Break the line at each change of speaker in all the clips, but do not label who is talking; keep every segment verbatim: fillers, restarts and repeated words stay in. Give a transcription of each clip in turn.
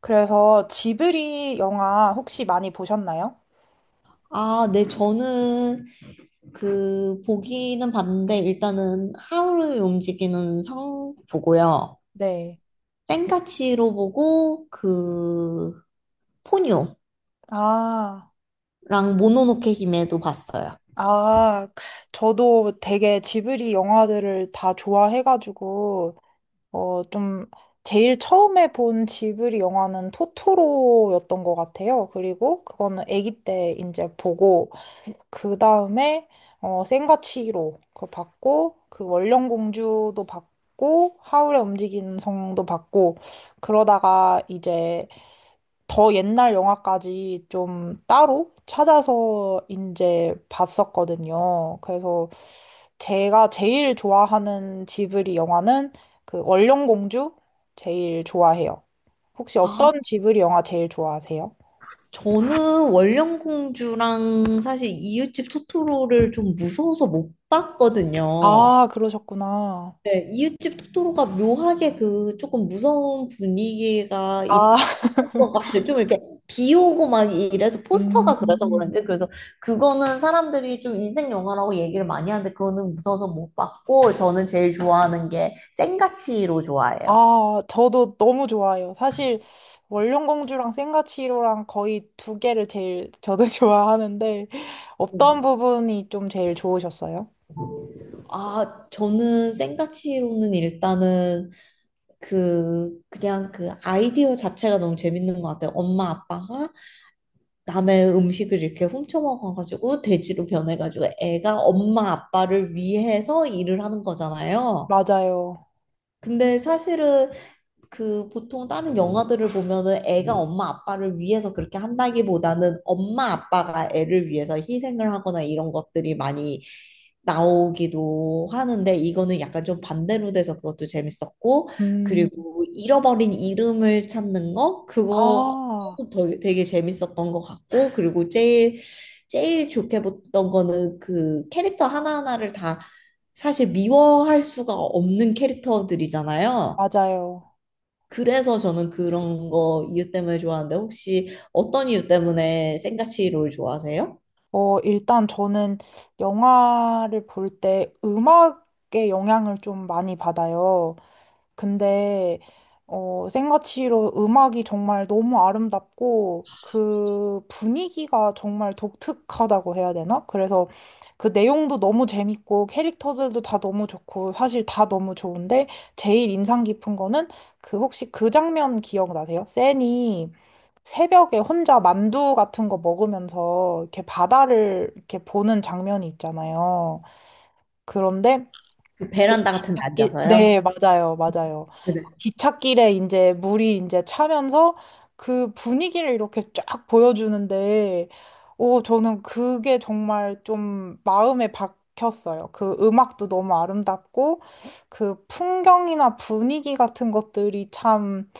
그래서 지브리 영화 혹시 많이 보셨나요?
아, 네, 저는 그 보기는 봤는데 일단은 하울의 움직이는 성 보고요.
네.
센카치로 보고 그 포뇨랑
아,
모노노케 히메도 봤어요.
아, 저도 되게 지브리 영화들을 다 좋아해가지고, 어, 좀, 제일 처음에 본 지브리 영화는 토토로였던 것 같아요. 그리고 그거는 아기 때 이제 보고, 그 다음에, 어, 센과 치히로 그거 봤고, 그 원령공주도 봤고, 하울의 움직이는 성도 봤고, 그러다가 이제 더 옛날 영화까지 좀 따로 찾아서 이제 봤었거든요. 그래서 제가 제일 좋아하는 지브리 영화는 그 원령공주 제일 좋아해요. 혹시
아,
어떤 지브리 영화 제일 좋아하세요?
저는 원령공주랑 사실 이웃집 토토로를 좀 무서워서 못 봤거든요.
아, 그러셨구나.
네, 이웃집 토토로가 묘하게 그 조금 무서운 분위기가 있을
아,
것 같아요. 좀 이렇게 비 오고 막 이래서
음.
포스터가 그래서 그런지 그래서 그거는 사람들이 좀 인생 영화라고 얘기를 많이 하는데 그거는 무서워서 못 봤고 저는 제일 좋아하는 게 생가치로 좋아해요.
아, 저도 너무 좋아해요. 사실 원령공주랑 센가치로랑 거의 두 개를 제일 저도 좋아하는데 어떤
음.
부분이 좀 제일 좋으셨어요?
아, 저는 생가치로는 일단은 그 그냥 그 아이디어 자체가 너무 재밌는 것 같아요. 엄마 아빠가 남의 음식을 이렇게 훔쳐 먹어가지고 돼지로 변해가지고 애가 엄마 아빠를 위해서 일을 하는 거잖아요.
맞아요.
근데 사실은 그 보통 다른 영화들을 보면은 애가 엄마 아빠를 위해서 그렇게 한다기보다는 엄마 아빠가 애를 위해서 희생을 하거나 이런 것들이 많이 나오기도 하는데 이거는 약간 좀 반대로 돼서 그것도 재밌었고
음,
그리고 잃어버린 이름을 찾는 거 그거
아,
되게, 되게 재밌었던 것 같고 그리고 제일 제일 좋게 봤던 거는 그 캐릭터 하나하나를 다 사실 미워할 수가 없는 캐릭터들이잖아요.
맞아요.
그래서 저는 그런 거 이유 때문에 좋아하는데 혹시 어떤 이유 때문에 생가치 롤 좋아하세요?
어, 일단 저는 영화를 볼 때 음악의 영향을 좀 많이 받아요. 근데, 어, 생가치로 음악이 정말 너무 아름답고 그 분위기가 정말 독특하다고 해야 되나? 그래서 그 내용도 너무 재밌고 캐릭터들도 다 너무 좋고 사실 다 너무 좋은데 제일 인상 깊은 거는 그 혹시 그 장면 기억나세요? 센이? 새벽에 혼자 만두 같은 거 먹으면서 이렇게 바다를 이렇게 보는 장면이 있잖아요. 그런데
그 베란다 같은 데
기찻길,
앉아서요?
네, 맞아요, 맞아요.
네네.
기찻길에 이제 물이 이제 차면서 그 분위기를 이렇게 쫙 보여주는데, 오, 저는 그게 정말 좀 마음에 박혔어요. 그 음악도 너무 아름답고, 그 풍경이나 분위기 같은 것들이 참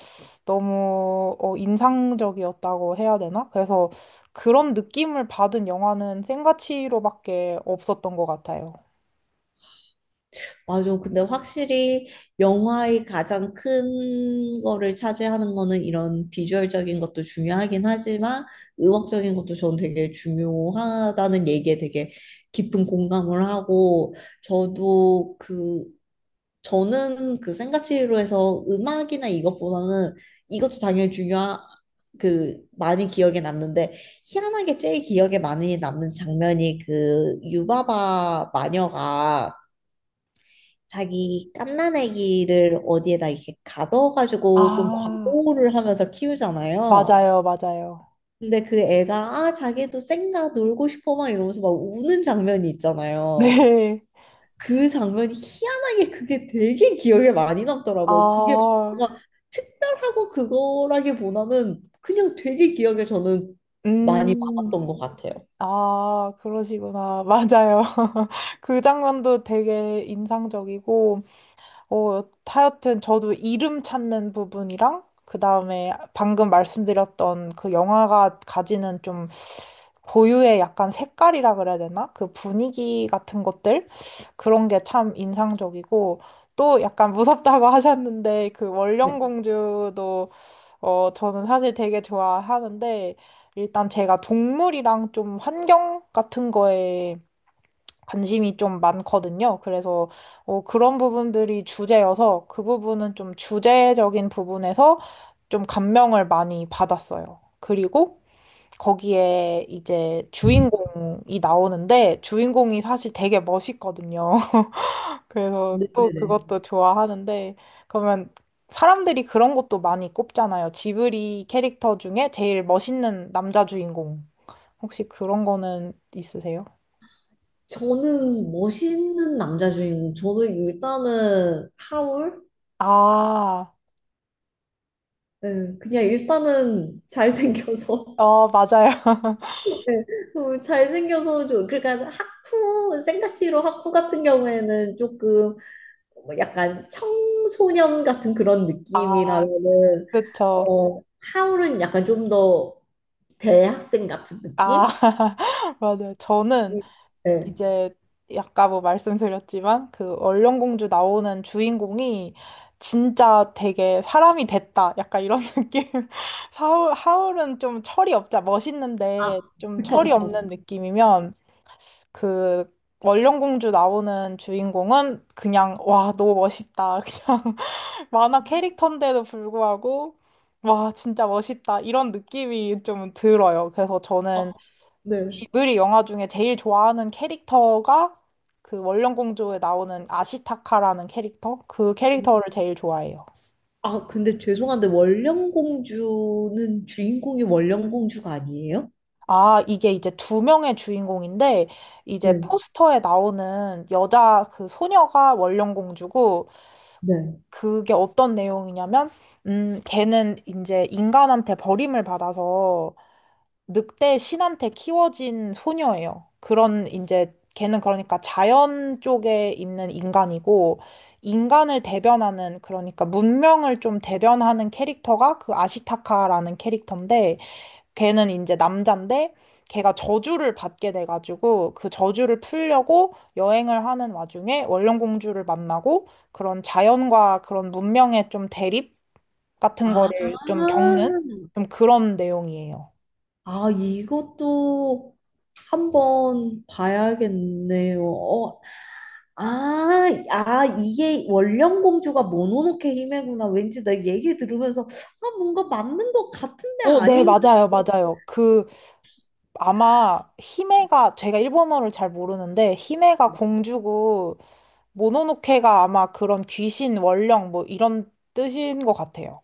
너무 어, 인상적이었다고 해야 되나? 그래서 그런 느낌을 받은 영화는 생가치로밖에 없었던 것 같아요.
맞아. 근데 확실히 영화의 가장 큰 거를 차지하는 거는 이런 비주얼적인 것도 중요하긴 하지만 음악적인 것도 저는 되게 중요하다는 얘기에 되게 깊은 공감을 하고 저도 그 저는 그 생가치로에서 음악이나 이것보다는 이것도 당연히 중요한 그 많이 기억에 남는데 희한하게 제일 기억에 많이 남는 장면이 그 유바바 마녀가 자기 갓난애기를 어디에다 이렇게 가둬가지고 좀
아,
과보호를 하면서 키우잖아요.
맞아요, 맞아요.
근데 그 애가 아 자기도 쌩가 놀고 싶어 막 이러면서 막 우는 장면이 있잖아요.
네.
그 장면이 희한하게 그게 되게 기억에 많이 남더라고요. 그게
아,
뭔가 특별하고 그거라기보다는 그냥 되게 기억에 저는 많이
음,
남았던 것 같아요.
아, 그러시구나. 맞아요. 그 장면도 되게 인상적이고, 어, 하여튼 저도 이름 찾는 부분이랑, 그 다음에 방금 말씀드렸던 그 영화가 가지는 좀 고유의 약간 색깔이라 그래야 되나? 그 분위기 같은 것들? 그런 게 참 인상적이고, 또 약간 무섭다고 하셨는데, 그
네,
원령공주도, 어, 저는 사실 되게 좋아하는데, 일단 제가 동물이랑 좀 환경 같은 거에 관심이 좀 많거든요. 그래서, 어, 그런 부분들이 주제여서, 그 부분은 좀 주제적인 부분에서 좀 감명을 많이 받았어요. 그리고, 거기에 이제 주인공이 나오는데 주인공이 사실 되게 멋있거든요. 그래서 또
네네네.
그것도 좋아하는데 그러면 사람들이 그런 것도 많이 꼽잖아요. 지브리 캐릭터 중에 제일 멋있는 남자 주인공. 혹시 그런 거는 있으세요?
저는 멋있는 남자 주인공. 저는 일단은 하울.
아,
네, 그냥 일단은 잘생겨서.
어, 맞아요.
네, 어, 잘생겨서 좀 그러니까 하쿠 생가치로 하쿠 같은 경우에는 조금 뭐 약간 청소년 같은 그런
아,
느낌이라면은
그쵸.
어, 하울은 약간 좀 더 대학생 같은
아,
느낌?
맞아요. 저는
네.
이제 아까 뭐 말씀드렸지만 그 얼령공주 나오는 주인공이 진짜 되게 사람이 됐다. 약간 이런 느낌. 하울 하울은 좀 철이 없자.
아,
멋있는데 좀
그쵸,
철이
그쵸.
없는 느낌이면 그 얼령공주 나오는 주인공은 그냥 와, 너무 멋있다. 그냥 만화 캐릭터인데도 불구하고 와, 진짜 멋있다. 이런 느낌이 좀 들어요. 그래서 저는
어, 네.
지브리 영화 중에 제일 좋아하는 캐릭터가 그 원령공주에 나오는 아시타카라는 캐릭터? 그 캐릭터를 제일 좋아해요.
아, 근데 죄송한데 원령공주는 주인공이 원령공주가 아니에요?
아, 이게 이제 두 명의 주인공인데, 이제
네,
포스터에 나오는 여자 그 소녀가 원령공주고,
네.
그게 어떤 내용이냐면, 음, 걔는 이제 인간한테 버림을 받아서 늑대 신한테 키워진 소녀예요. 그런 이제 걔는 그러니까 자연 쪽에 있는 인간이고 인간을 대변하는 그러니까 문명을 좀 대변하는 캐릭터가 그 아시타카라는 캐릭터인데 걔는 이제 남잔데 걔가 저주를 받게 돼가지고 그 저주를 풀려고 여행을 하는 와중에 원령공주를 만나고 그런 자연과 그런 문명의 좀 대립 같은
아,
거를 좀 겪는 좀 그런 내용이에요.
아, 이것도 한번 봐야겠네요. 어, 아, 아, 이게 원령 공주가 모노노케 히메구나. 왠지 내 얘기 들으면서 아, 뭔가 맞는 것 같은데
어, 네,
아닌가?
맞아요, 맞아요. 그, 아마, 히메가, 제가 일본어를 잘 모르는데, 히메가 공주고, 모노노케가 아마 그런 귀신, 원령, 뭐, 이런 뜻인 것 같아요.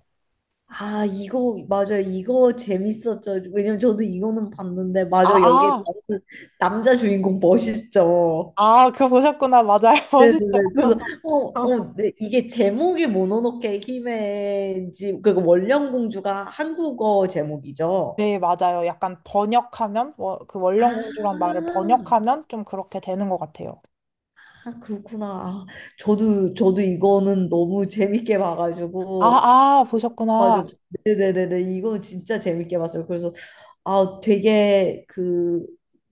아, 이거 맞아요. 이거 재밌었죠. 왜냐면 저도 이거는 봤는데
아,
맞아. 여기에
아,
나오는 남자 주인공 멋있죠.
아, 그거 보셨구나. 맞아요. 멋있죠.
네네네. 그래서 어, 어, 네, 이게 제목이 모노노케 히메인지 그리고 원령 공주가 한국어 제목이죠.
네, 맞아요. 약간 번역하면, 워- 그 원령
아,
공주란 말을 번역하면 좀 그렇게 되는 것 같아요.
아, 그렇구나. 아, 저도, 저도 이거는 너무 재밌게 봐가지고.
아, 아, 보셨구나.
맞아. 네네네네. 이거 진짜 재밌게 봤어요. 그래서, 아, 되게 그,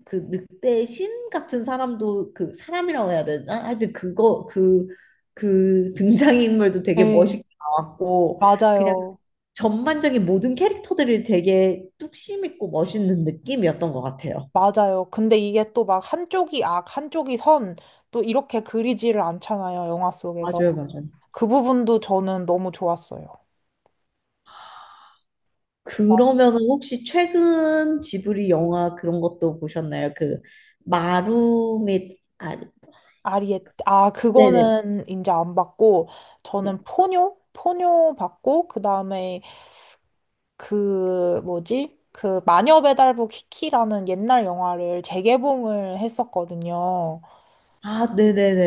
그 늑대 신 같은 사람도 그 사람이라고 해야 되나? 하여튼 그거, 그, 그 등장인물도 되게
네,
멋있게 나왔고, 그냥
맞아요.
전반적인 모든 캐릭터들이 되게 뚝심 있고 멋있는 느낌이었던 것 같아요.
맞아요. 근데 이게 또 막 한쪽이 악, 한쪽이 선, 또 이렇게 그리지를 않잖아요, 영화 속에서.
맞아요, 맞아요.
그 부분도 저는 너무 좋았어요.
그러면은 혹시 최근 지브리 영화 그런 것도 보셨나요? 그 마루 및 아,
아리에, 아,
네네.
그거는 이제 안 받고, 저는 포뇨? 포뇨 받고, 그 다음에 그, 뭐지? 그 마녀배달부 키키라는 옛날 영화를 재개봉을 했었거든요.
아,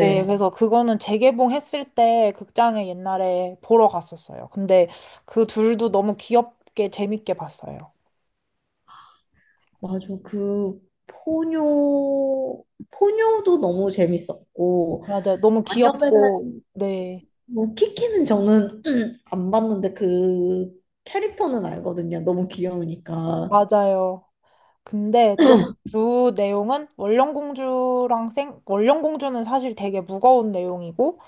네, 그래서 그거는 재개봉했을 때 극장에 옛날에 보러 갔었어요. 근데 그 둘도 너무 귀엽게 재밌게 봤어요.
맞아. 그 포뇨 포뇨도 너무 재밌었고
맞아요. 너무
마녀 배달
귀엽고, 네,
뭐 키키는 저는 안 봤는데 그 캐릭터는 알거든요. 너무 귀여우니까.
맞아요. 근데 좀 주 내용은 원령공주랑 생, 원령공주는 사실 되게 무거운 내용이고,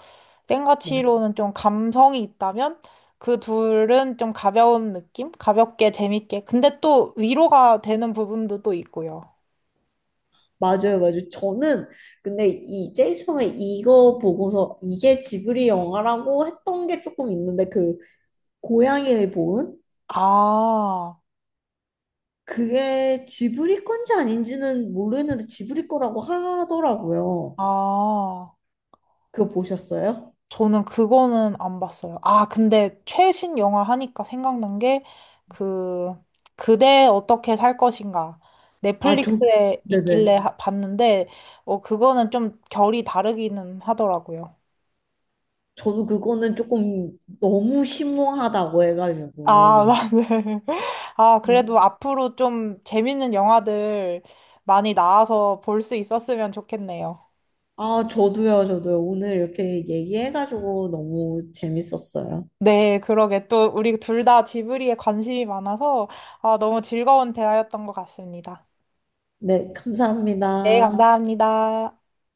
생가치로는 좀 감성이 있다면, 그 둘은 좀 가벼운 느낌? 가볍게, 재밌게. 근데 또 위로가 되는 부분도 또 있고요.
맞아요, 맞아요. 저는 근데 이 제이슨의 이거 보고서 이게 지브리 영화라고 했던 게 조금 있는데 그 고양이의 보은
아,
그게 지브리 건지 아닌지는 모르겠는데 지브리 거라고 하더라고요.
아.
그거 보셨어요?
저는 그거는 안 봤어요. 아, 근데 최신 영화 하니까 생각난 게, 그, 그대 어떻게 살 것인가.
아, 저
넷플릭스에 있길래
네네.
하- 봤는데, 어, 그거는 좀 결이 다르기는 하더라고요.
저도 그거는 조금 너무 심오하다고
아,
해가지고.
맞네. 아,
음.
그래도 앞으로 좀 재밌는 영화들 많이 나와서 볼 수 있었으면 좋겠네요.
아, 저도요, 저도요. 오늘 이렇게 얘기해가지고 너무 재밌었어요.
네, 그러게. 또 우리 둘 다 지브리에 관심이 많아서, 아, 너무 즐거운 대화였던 것 같습니다.
네,
네,
감사합니다.
감사합니다.